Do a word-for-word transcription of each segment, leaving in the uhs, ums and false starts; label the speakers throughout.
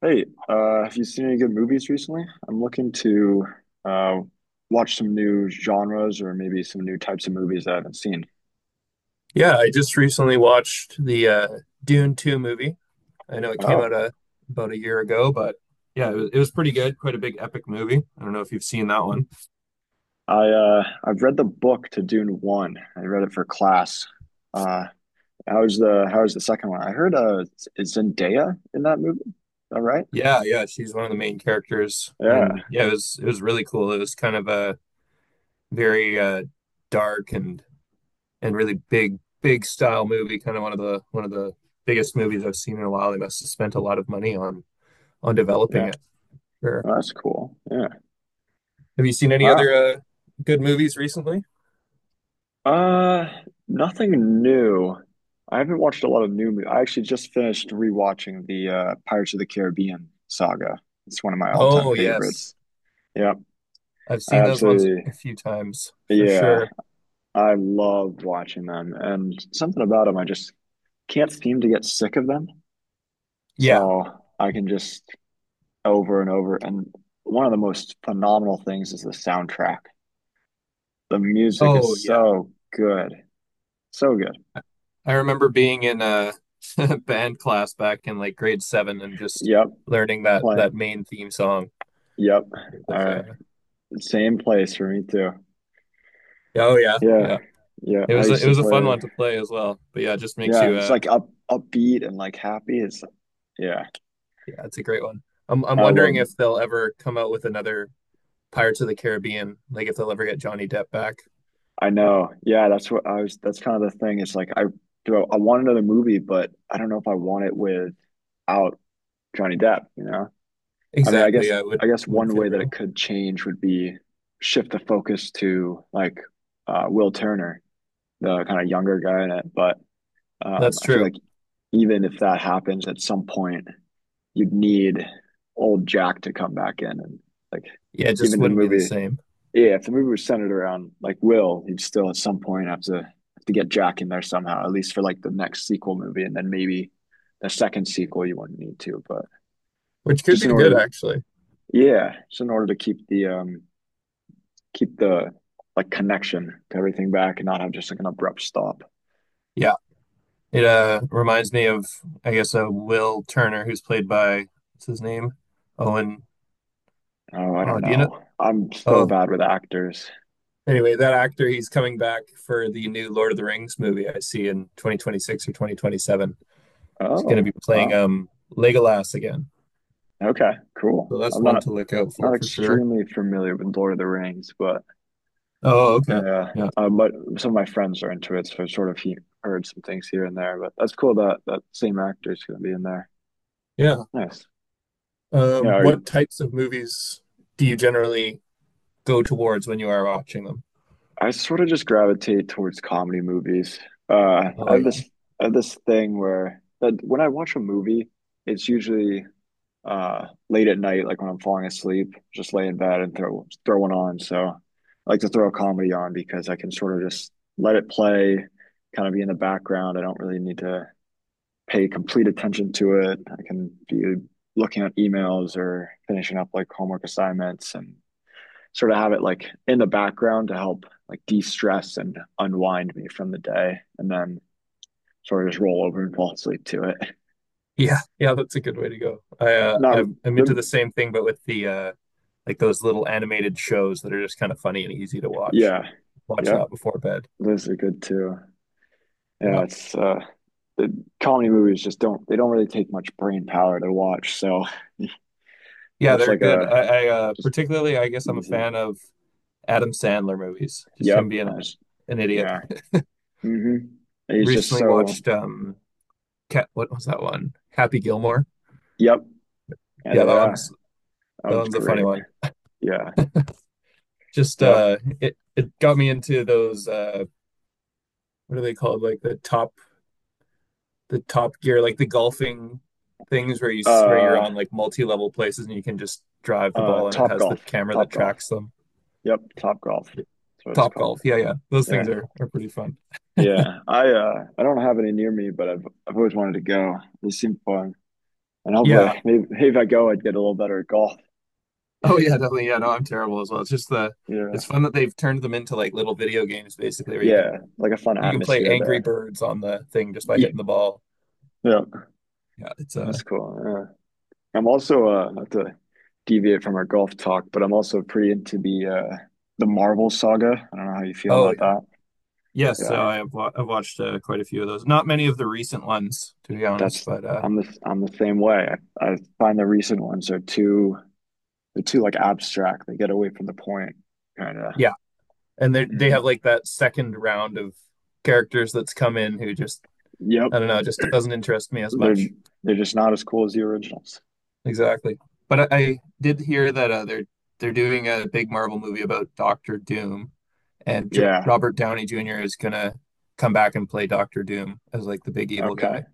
Speaker 1: Hey, uh, have you seen any good movies recently? I'm looking to uh, watch some new genres or maybe some new types of movies that I haven't seen.
Speaker 2: Yeah, I just recently watched the uh, Dune two movie. I know it came out
Speaker 1: Oh,
Speaker 2: a, about a year ago, but yeah, it was, it was pretty good. Quite a big epic movie. I don't know if you've seen that one.
Speaker 1: I uh, I've read the book to Dune One. I read it for class. Uh, How's the how's the second one? I heard uh, is Zendaya in that movie. Is that right?
Speaker 2: Yeah, yeah, she's one of the main characters,
Speaker 1: Yeah,
Speaker 2: and yeah, it was it was really cool. It was kind of a very uh, dark and and really big big style movie. Kind of one of the one of the biggest movies I've seen in a while. They must have spent a lot of money on on developing
Speaker 1: yeah.
Speaker 2: it. Sure.
Speaker 1: Well, that's cool. Yeah.
Speaker 2: Have you seen any other
Speaker 1: Wow.
Speaker 2: uh, good movies recently?
Speaker 1: Uh, Nothing new. I haven't watched a lot of new. mo- I actually just finished rewatching the uh, Pirates of the Caribbean saga. It's one of my all-time
Speaker 2: Oh yes.
Speaker 1: favorites. Yep,
Speaker 2: I've
Speaker 1: I
Speaker 2: seen those ones
Speaker 1: absolutely.
Speaker 2: a few times for
Speaker 1: Yeah,
Speaker 2: sure.
Speaker 1: I love watching them, and something about them, I just can't seem to get sick of them.
Speaker 2: Yeah.
Speaker 1: So I can just over and over. And one of the most phenomenal things is the soundtrack. The music is
Speaker 2: Oh, yeah.
Speaker 1: so good, so good.
Speaker 2: I I remember being in a band class back in like grade seven and just
Speaker 1: Yep,
Speaker 2: learning that
Speaker 1: playing.
Speaker 2: that main theme song.
Speaker 1: Yep.
Speaker 2: It was
Speaker 1: I
Speaker 2: uh,
Speaker 1: same place for me too.
Speaker 2: yeah, oh yeah,
Speaker 1: Yeah.
Speaker 2: yeah.
Speaker 1: Yeah.
Speaker 2: It
Speaker 1: I
Speaker 2: was a,
Speaker 1: used
Speaker 2: it
Speaker 1: to
Speaker 2: was a fun
Speaker 1: play.
Speaker 2: one to play as well. But yeah, it just makes you
Speaker 1: Yeah, it's
Speaker 2: uh,
Speaker 1: like up upbeat and like happy. It's yeah,
Speaker 2: yeah, it's a great one. I'm I'm
Speaker 1: I
Speaker 2: wondering
Speaker 1: love.
Speaker 2: if they'll ever come out with another Pirates of the Caribbean, like if they'll ever get Johnny Depp back.
Speaker 1: I know. Yeah, that's what I was. That's kind of the thing. It's like I do. I, I want another movie, but I don't know if I want it without Johnny Depp. You know. I mean, I
Speaker 2: Exactly.
Speaker 1: guess.
Speaker 2: Yeah, it would
Speaker 1: I guess
Speaker 2: wouldn't
Speaker 1: one
Speaker 2: feel
Speaker 1: way that it
Speaker 2: real.
Speaker 1: could change would be shift the focus to like uh, Will Turner, the kind of younger guy in it. But um,
Speaker 2: That's
Speaker 1: I feel
Speaker 2: true.
Speaker 1: like even if that happens at some point, you'd need old Jack to come back in and like
Speaker 2: Yeah, it just
Speaker 1: even the
Speaker 2: wouldn't be the
Speaker 1: movie.
Speaker 2: same,
Speaker 1: Yeah, if the movie was centered around like Will, he'd still at some point have to have to get Jack in there somehow, at least for like the next sequel movie, and then maybe the second sequel you wouldn't need to, but
Speaker 2: which could
Speaker 1: just
Speaker 2: be
Speaker 1: in
Speaker 2: good
Speaker 1: order to
Speaker 2: actually.
Speaker 1: yeah, just in order to keep the um keep the like connection to everything back and not have just like an abrupt stop.
Speaker 2: Yeah. It uh reminds me of I guess uh, Will Turner, who's played by, what's his name? Owen
Speaker 1: Oh, I don't
Speaker 2: oh do you know
Speaker 1: know. I'm so
Speaker 2: oh
Speaker 1: bad with actors.
Speaker 2: Anyway, that actor, he's coming back for the new Lord of the Rings movie I see in twenty twenty-six or twenty twenty-seven. He's going
Speaker 1: Oh,
Speaker 2: to be playing
Speaker 1: wow.
Speaker 2: um Legolas again.
Speaker 1: Okay,
Speaker 2: So
Speaker 1: cool.
Speaker 2: that's
Speaker 1: I'm
Speaker 2: one
Speaker 1: not
Speaker 2: to look out for
Speaker 1: Not
Speaker 2: for sure.
Speaker 1: extremely familiar with Lord of the Rings, but
Speaker 2: Oh, okay.
Speaker 1: uh,
Speaker 2: Yeah.
Speaker 1: uh, but some of my friends are into it, so I've sort of he heard some things here and there. But that's cool that that same actor is going to be in there.
Speaker 2: Yeah.
Speaker 1: Nice. Yeah,
Speaker 2: Um
Speaker 1: are
Speaker 2: what
Speaker 1: you-
Speaker 2: types of movies do you generally go towards when you are watching them?
Speaker 1: I sort of just gravitate towards comedy movies. Uh, I
Speaker 2: Oh
Speaker 1: have
Speaker 2: yeah.
Speaker 1: this I have this thing where that when I watch a movie, it's usually uh, late at night, like when I'm falling asleep, just lay in bed and throw throw one on. So I like to throw a comedy on because I can sort of just let it play, kind of be in the background. I don't really need to pay complete attention to it. I can be looking at emails or finishing up like homework assignments and sort of have it like in the background to help like de-stress and unwind me from the day and then sort of just roll over and fall asleep to it.
Speaker 2: Yeah. Yeah, that's a good way to go. I uh
Speaker 1: Not
Speaker 2: I'm I'm into
Speaker 1: the
Speaker 2: the same thing but with the uh like those little animated shows that are just kind of funny and easy to watch.
Speaker 1: yeah.
Speaker 2: Watch
Speaker 1: Yep.
Speaker 2: that before bed.
Speaker 1: Those are good too. Yeah,
Speaker 2: Yeah.
Speaker 1: it's uh the comedy movies just don't they don't really take much brain power to watch, so
Speaker 2: Yeah,
Speaker 1: it's
Speaker 2: they're
Speaker 1: like
Speaker 2: good.
Speaker 1: a
Speaker 2: I, I uh,
Speaker 1: just
Speaker 2: Particularly, I guess I'm a
Speaker 1: easy.
Speaker 2: fan of Adam Sandler movies, just him
Speaker 1: Yep.
Speaker 2: being
Speaker 1: I
Speaker 2: a,
Speaker 1: was,
Speaker 2: an idiot.
Speaker 1: yeah. hmm He's just
Speaker 2: Recently
Speaker 1: so
Speaker 2: watched um Cat, what was that one? Happy Gilmore.
Speaker 1: yep. Yeah,
Speaker 2: Yeah, that
Speaker 1: yeah.
Speaker 2: one's
Speaker 1: That
Speaker 2: that
Speaker 1: one's
Speaker 2: one's a funny
Speaker 1: great.
Speaker 2: one.
Speaker 1: Yeah.
Speaker 2: Just
Speaker 1: Yep.
Speaker 2: uh it it got me into those uh what are they called? Like the top, the top gear, like the golfing things where you where you're
Speaker 1: Uh
Speaker 2: on like multi-level places and you can just drive the
Speaker 1: uh
Speaker 2: ball, and it
Speaker 1: Top
Speaker 2: has the
Speaker 1: Golf.
Speaker 2: camera
Speaker 1: Top
Speaker 2: that
Speaker 1: Golf.
Speaker 2: tracks them.
Speaker 1: Yep, Top Golf. That's what it's
Speaker 2: Top golf.
Speaker 1: called.
Speaker 2: Yeah, yeah. Those things
Speaker 1: Yeah.
Speaker 2: are are pretty fun.
Speaker 1: Yeah. I uh I don't have any near me, but I've I've always wanted to go. They seem fun. And hopefully
Speaker 2: Yeah.
Speaker 1: maybe, maybe if I go I'd get a little better at golf.
Speaker 2: Oh yeah, definitely. Yeah, no, I'm terrible as well. It's just the it's
Speaker 1: Yeah.
Speaker 2: fun that they've turned them into like little video games basically where you can
Speaker 1: Yeah, like a fun
Speaker 2: you can play
Speaker 1: atmosphere
Speaker 2: Angry
Speaker 1: there.
Speaker 2: Birds on the thing just by
Speaker 1: Yeah.
Speaker 2: hitting the ball.
Speaker 1: Yeah,
Speaker 2: Yeah, it's uh
Speaker 1: that's cool. Yeah. I'm also uh not to deviate from our golf talk, but I'm also pretty into the uh the Marvel saga. I don't know how you feel
Speaker 2: oh
Speaker 1: about
Speaker 2: yeah.
Speaker 1: that.
Speaker 2: Yes, so
Speaker 1: Yeah,
Speaker 2: I have wa- I've watched uh, quite a few of those. Not many of the recent ones to be honest,
Speaker 1: that's
Speaker 2: but uh
Speaker 1: I'm the I'm the same way. I, I find the recent ones are too they're too like abstract. They get away from the point, kind of.
Speaker 2: yeah. And they they
Speaker 1: hmm
Speaker 2: have like that second round of characters that's come in who just,
Speaker 1: Yep,
Speaker 2: I don't know, just doesn't interest me as
Speaker 1: they're
Speaker 2: much.
Speaker 1: they're just not as cool as the originals.
Speaker 2: Exactly. But I, I did hear that uh, they're they're doing a big Marvel movie about Doctor Doom, and Dr
Speaker 1: Yeah.
Speaker 2: Robert Downey Junior is gonna come back and play Doctor Doom as like the big evil
Speaker 1: Okay.
Speaker 2: guy.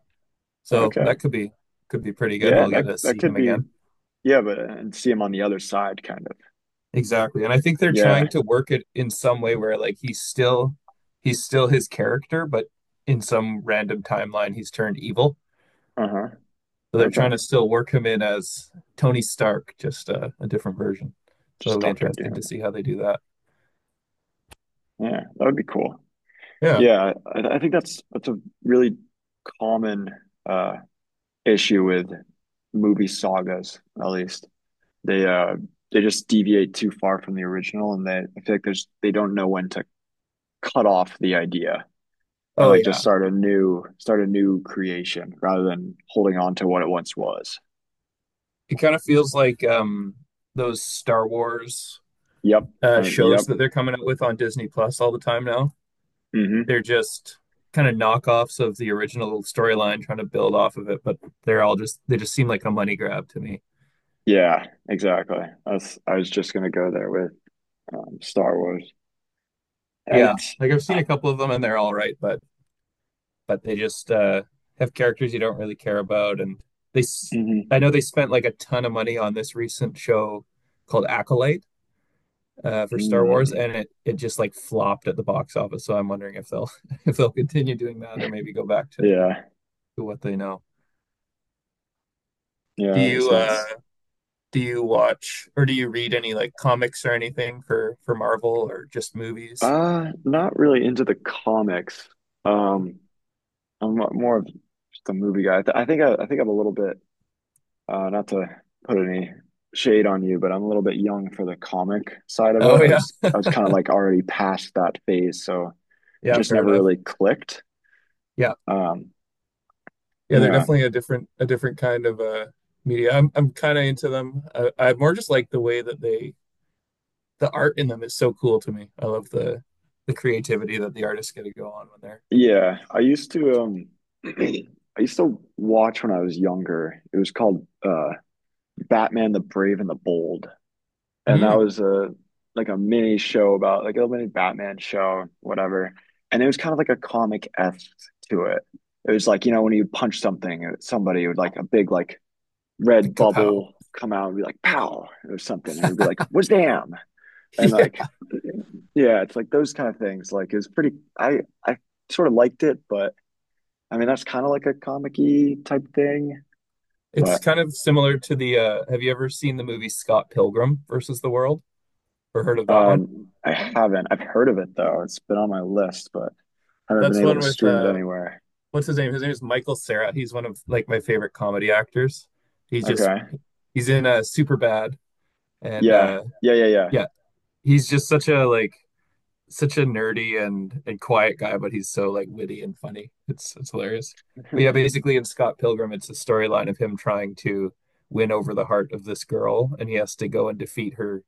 Speaker 2: So
Speaker 1: Okay.
Speaker 2: that could be, could be pretty good.
Speaker 1: Yeah,
Speaker 2: We'll
Speaker 1: that
Speaker 2: get to
Speaker 1: that
Speaker 2: see
Speaker 1: could
Speaker 2: him
Speaker 1: be
Speaker 2: again.
Speaker 1: yeah, but uh, and see him on the other side, kind of.
Speaker 2: Exactly. And I think they're trying
Speaker 1: Yeah.
Speaker 2: to work it in some way where like he's still he's still his character, but in some random timeline he's turned evil.
Speaker 1: Uh-huh.
Speaker 2: So they're
Speaker 1: Okay.
Speaker 2: trying to still work him in as Tony Stark, just uh, a different version. So
Speaker 1: Just
Speaker 2: it'll be
Speaker 1: Doctor
Speaker 2: interesting to
Speaker 1: Doom.
Speaker 2: see how they do that.
Speaker 1: Yeah, that would be cool.
Speaker 2: Yeah.
Speaker 1: Yeah, I, I think that's that's a really common uh issue with movie sagas, at least. They uh they just deviate too far from the original and they I feel like there's they don't know when to cut off the idea and
Speaker 2: Oh
Speaker 1: like just
Speaker 2: yeah.
Speaker 1: start a new start a new creation rather than holding on to what it once was.
Speaker 2: It kind of feels like um, those Star Wars
Speaker 1: Yep.
Speaker 2: uh,
Speaker 1: Uh,
Speaker 2: shows
Speaker 1: yep.
Speaker 2: that they're coming out with on Disney Plus all the time now.
Speaker 1: Mm-hmm.
Speaker 2: They're just kind of knockoffs of the original storyline, trying to build off of it, but they're all just, they just seem like a money grab to me.
Speaker 1: Yeah, exactly. That's I was just gonna go there with um, Star Wars, and
Speaker 2: Yeah,
Speaker 1: it's
Speaker 2: like I've seen a couple of them and they're all right, but but they just uh, have characters you don't really care about. And they,
Speaker 1: mhm,
Speaker 2: I know they spent like a ton of money on this recent show called Acolyte, uh, for Star Wars,
Speaker 1: mm,
Speaker 2: and it it just like flopped at the box office. So I'm wondering if they'll if they'll continue doing that or maybe go back to,
Speaker 1: yeah,
Speaker 2: to what they know.
Speaker 1: yeah,
Speaker 2: Do
Speaker 1: that makes
Speaker 2: you
Speaker 1: sense.
Speaker 2: uh do you watch or do you read any like comics or anything for for Marvel or just movies?
Speaker 1: Uh, not really into the comics. Um, I'm mo- More of just a movie guy. I, th I think I, I think I'm a little bit uh, not to put any shade on you, but I'm a little bit young for the comic side of it.
Speaker 2: Oh
Speaker 1: I
Speaker 2: yeah,
Speaker 1: was I was kind of like already past that phase, so it
Speaker 2: yeah,
Speaker 1: just
Speaker 2: fair
Speaker 1: never
Speaker 2: enough.
Speaker 1: really clicked.
Speaker 2: Yeah,
Speaker 1: Um,
Speaker 2: yeah, they're
Speaker 1: yeah.
Speaker 2: definitely a different, a different kind of uh media. I'm I'm kind of into them. I, I more just like the way that they the art in them is so cool to me. I love the the creativity that the artists get to go on when they're,
Speaker 1: Yeah, I used to um I used to watch when I was younger. It was called uh Batman the Brave and the Bold. And that
Speaker 2: mm,
Speaker 1: was a like a mini show about like a mini Batman show, whatever. And it was kind of like a comic-esque to it. It was like, you know, when you punch something, uh, somebody would like a big like
Speaker 2: the
Speaker 1: red
Speaker 2: kapow.
Speaker 1: bubble come out and be like pow or something. It would be like, was damn. And like
Speaker 2: Yeah,
Speaker 1: yeah, it's like those kind of things. Like it was pretty I I sort of liked it, but I mean, that's kind of like a comic-y type thing,
Speaker 2: it's
Speaker 1: but
Speaker 2: kind of similar to the uh have you ever seen the movie Scott Pilgrim versus the World, or heard of that
Speaker 1: uh,
Speaker 2: one?
Speaker 1: I haven't. I've heard of it though. It's been on my list, but I haven't been
Speaker 2: That's
Speaker 1: able
Speaker 2: one
Speaker 1: to
Speaker 2: with
Speaker 1: stream it
Speaker 2: uh
Speaker 1: anywhere.
Speaker 2: what's his name? His name is Michael Cera. He's one of like my favorite comedy actors. He's just
Speaker 1: Okay.
Speaker 2: he's in uh super bad and
Speaker 1: Yeah.
Speaker 2: uh
Speaker 1: Yeah. Yeah.
Speaker 2: yeah, he's just such a like, such a nerdy and and quiet guy, but he's so like witty and funny. It's it's hilarious.
Speaker 1: Yeah.
Speaker 2: But yeah, basically in Scott Pilgrim, it's a storyline of him trying to win over the heart of this girl, and he has to go and defeat her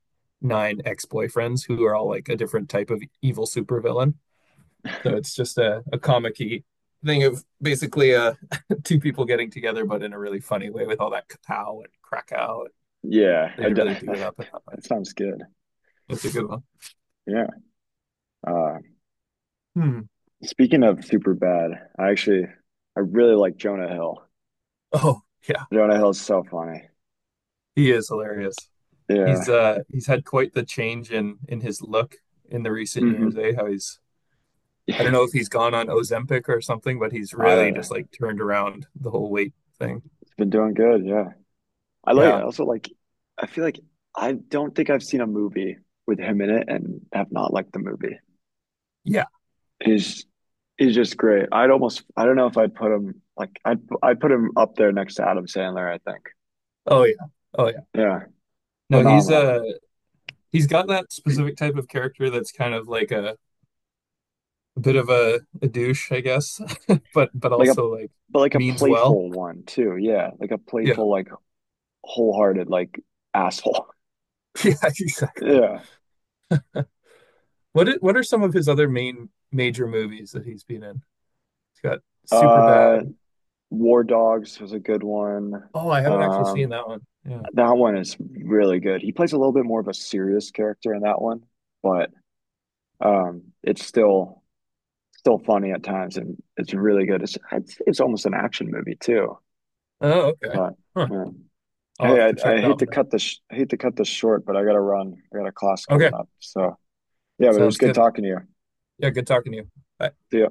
Speaker 2: nine ex-boyfriends who are all like a different type of evil supervillain. So it's just a, a comic-y thing of basically uh two people getting together, but in a really funny way with all that Kapow and Krakow.
Speaker 1: Yeah.
Speaker 2: They
Speaker 1: I d
Speaker 2: really do it up in that way.
Speaker 1: That sounds good.
Speaker 2: It's a good one.
Speaker 1: Yeah. Uh,
Speaker 2: Hmm.
Speaker 1: Speaking of super bad, I actually I really like Jonah Hill.
Speaker 2: Oh yeah,
Speaker 1: Jonah Hill's so funny.
Speaker 2: he is hilarious. He's
Speaker 1: Yeah.
Speaker 2: uh he's had quite the change in in his look in the recent
Speaker 1: hmm
Speaker 2: years, eh? How he's I don't know if he's gone on Ozempic or something, but he's
Speaker 1: I
Speaker 2: really
Speaker 1: don't know.
Speaker 2: just like turned around the whole weight thing.
Speaker 1: It's been doing good. Yeah. I like. I
Speaker 2: Yeah.
Speaker 1: also like. I feel like I don't think I've seen a movie with him in it and have not liked the movie.
Speaker 2: Yeah.
Speaker 1: He's he's just great. I'd almost. I don't know if I'd put him like. I'd I'd put him up there next to Adam Sandler. I think.
Speaker 2: Oh yeah. Oh yeah.
Speaker 1: Yeah,
Speaker 2: No, he's uh
Speaker 1: phenomenal.
Speaker 2: he's got that specific type of character that's kind of like a, a bit of a, a douche, I guess, but but
Speaker 1: Like a
Speaker 2: also like
Speaker 1: But like a
Speaker 2: means well.
Speaker 1: playful one too. Yeah, like a
Speaker 2: Yeah.
Speaker 1: playful, like wholehearted, like asshole.
Speaker 2: Yeah, exactly.
Speaker 1: Yeah.
Speaker 2: What i- what are some of his other main major movies that he's been in? He's got Superbad.
Speaker 1: Uh, War Dogs was a good one.
Speaker 2: Oh, I haven't actually seen
Speaker 1: Um,
Speaker 2: that one. Yeah.
Speaker 1: That one is really good. He plays a little bit more of a serious character in that one, but um, it's still still funny at times, and it's really good. It's it's, it's almost an action movie too.
Speaker 2: Oh, okay.
Speaker 1: But
Speaker 2: Huh.
Speaker 1: yeah.
Speaker 2: I'll
Speaker 1: Hey,
Speaker 2: have to
Speaker 1: I,
Speaker 2: check
Speaker 1: I
Speaker 2: that
Speaker 1: hate to
Speaker 2: one out.
Speaker 1: cut this I hate to cut this short, but I got to run. I got a class
Speaker 2: Okay.
Speaker 1: coming up. So yeah, but it was
Speaker 2: Sounds
Speaker 1: good
Speaker 2: good.
Speaker 1: talking to you.
Speaker 2: Yeah, good talking to you. Bye.
Speaker 1: See ya.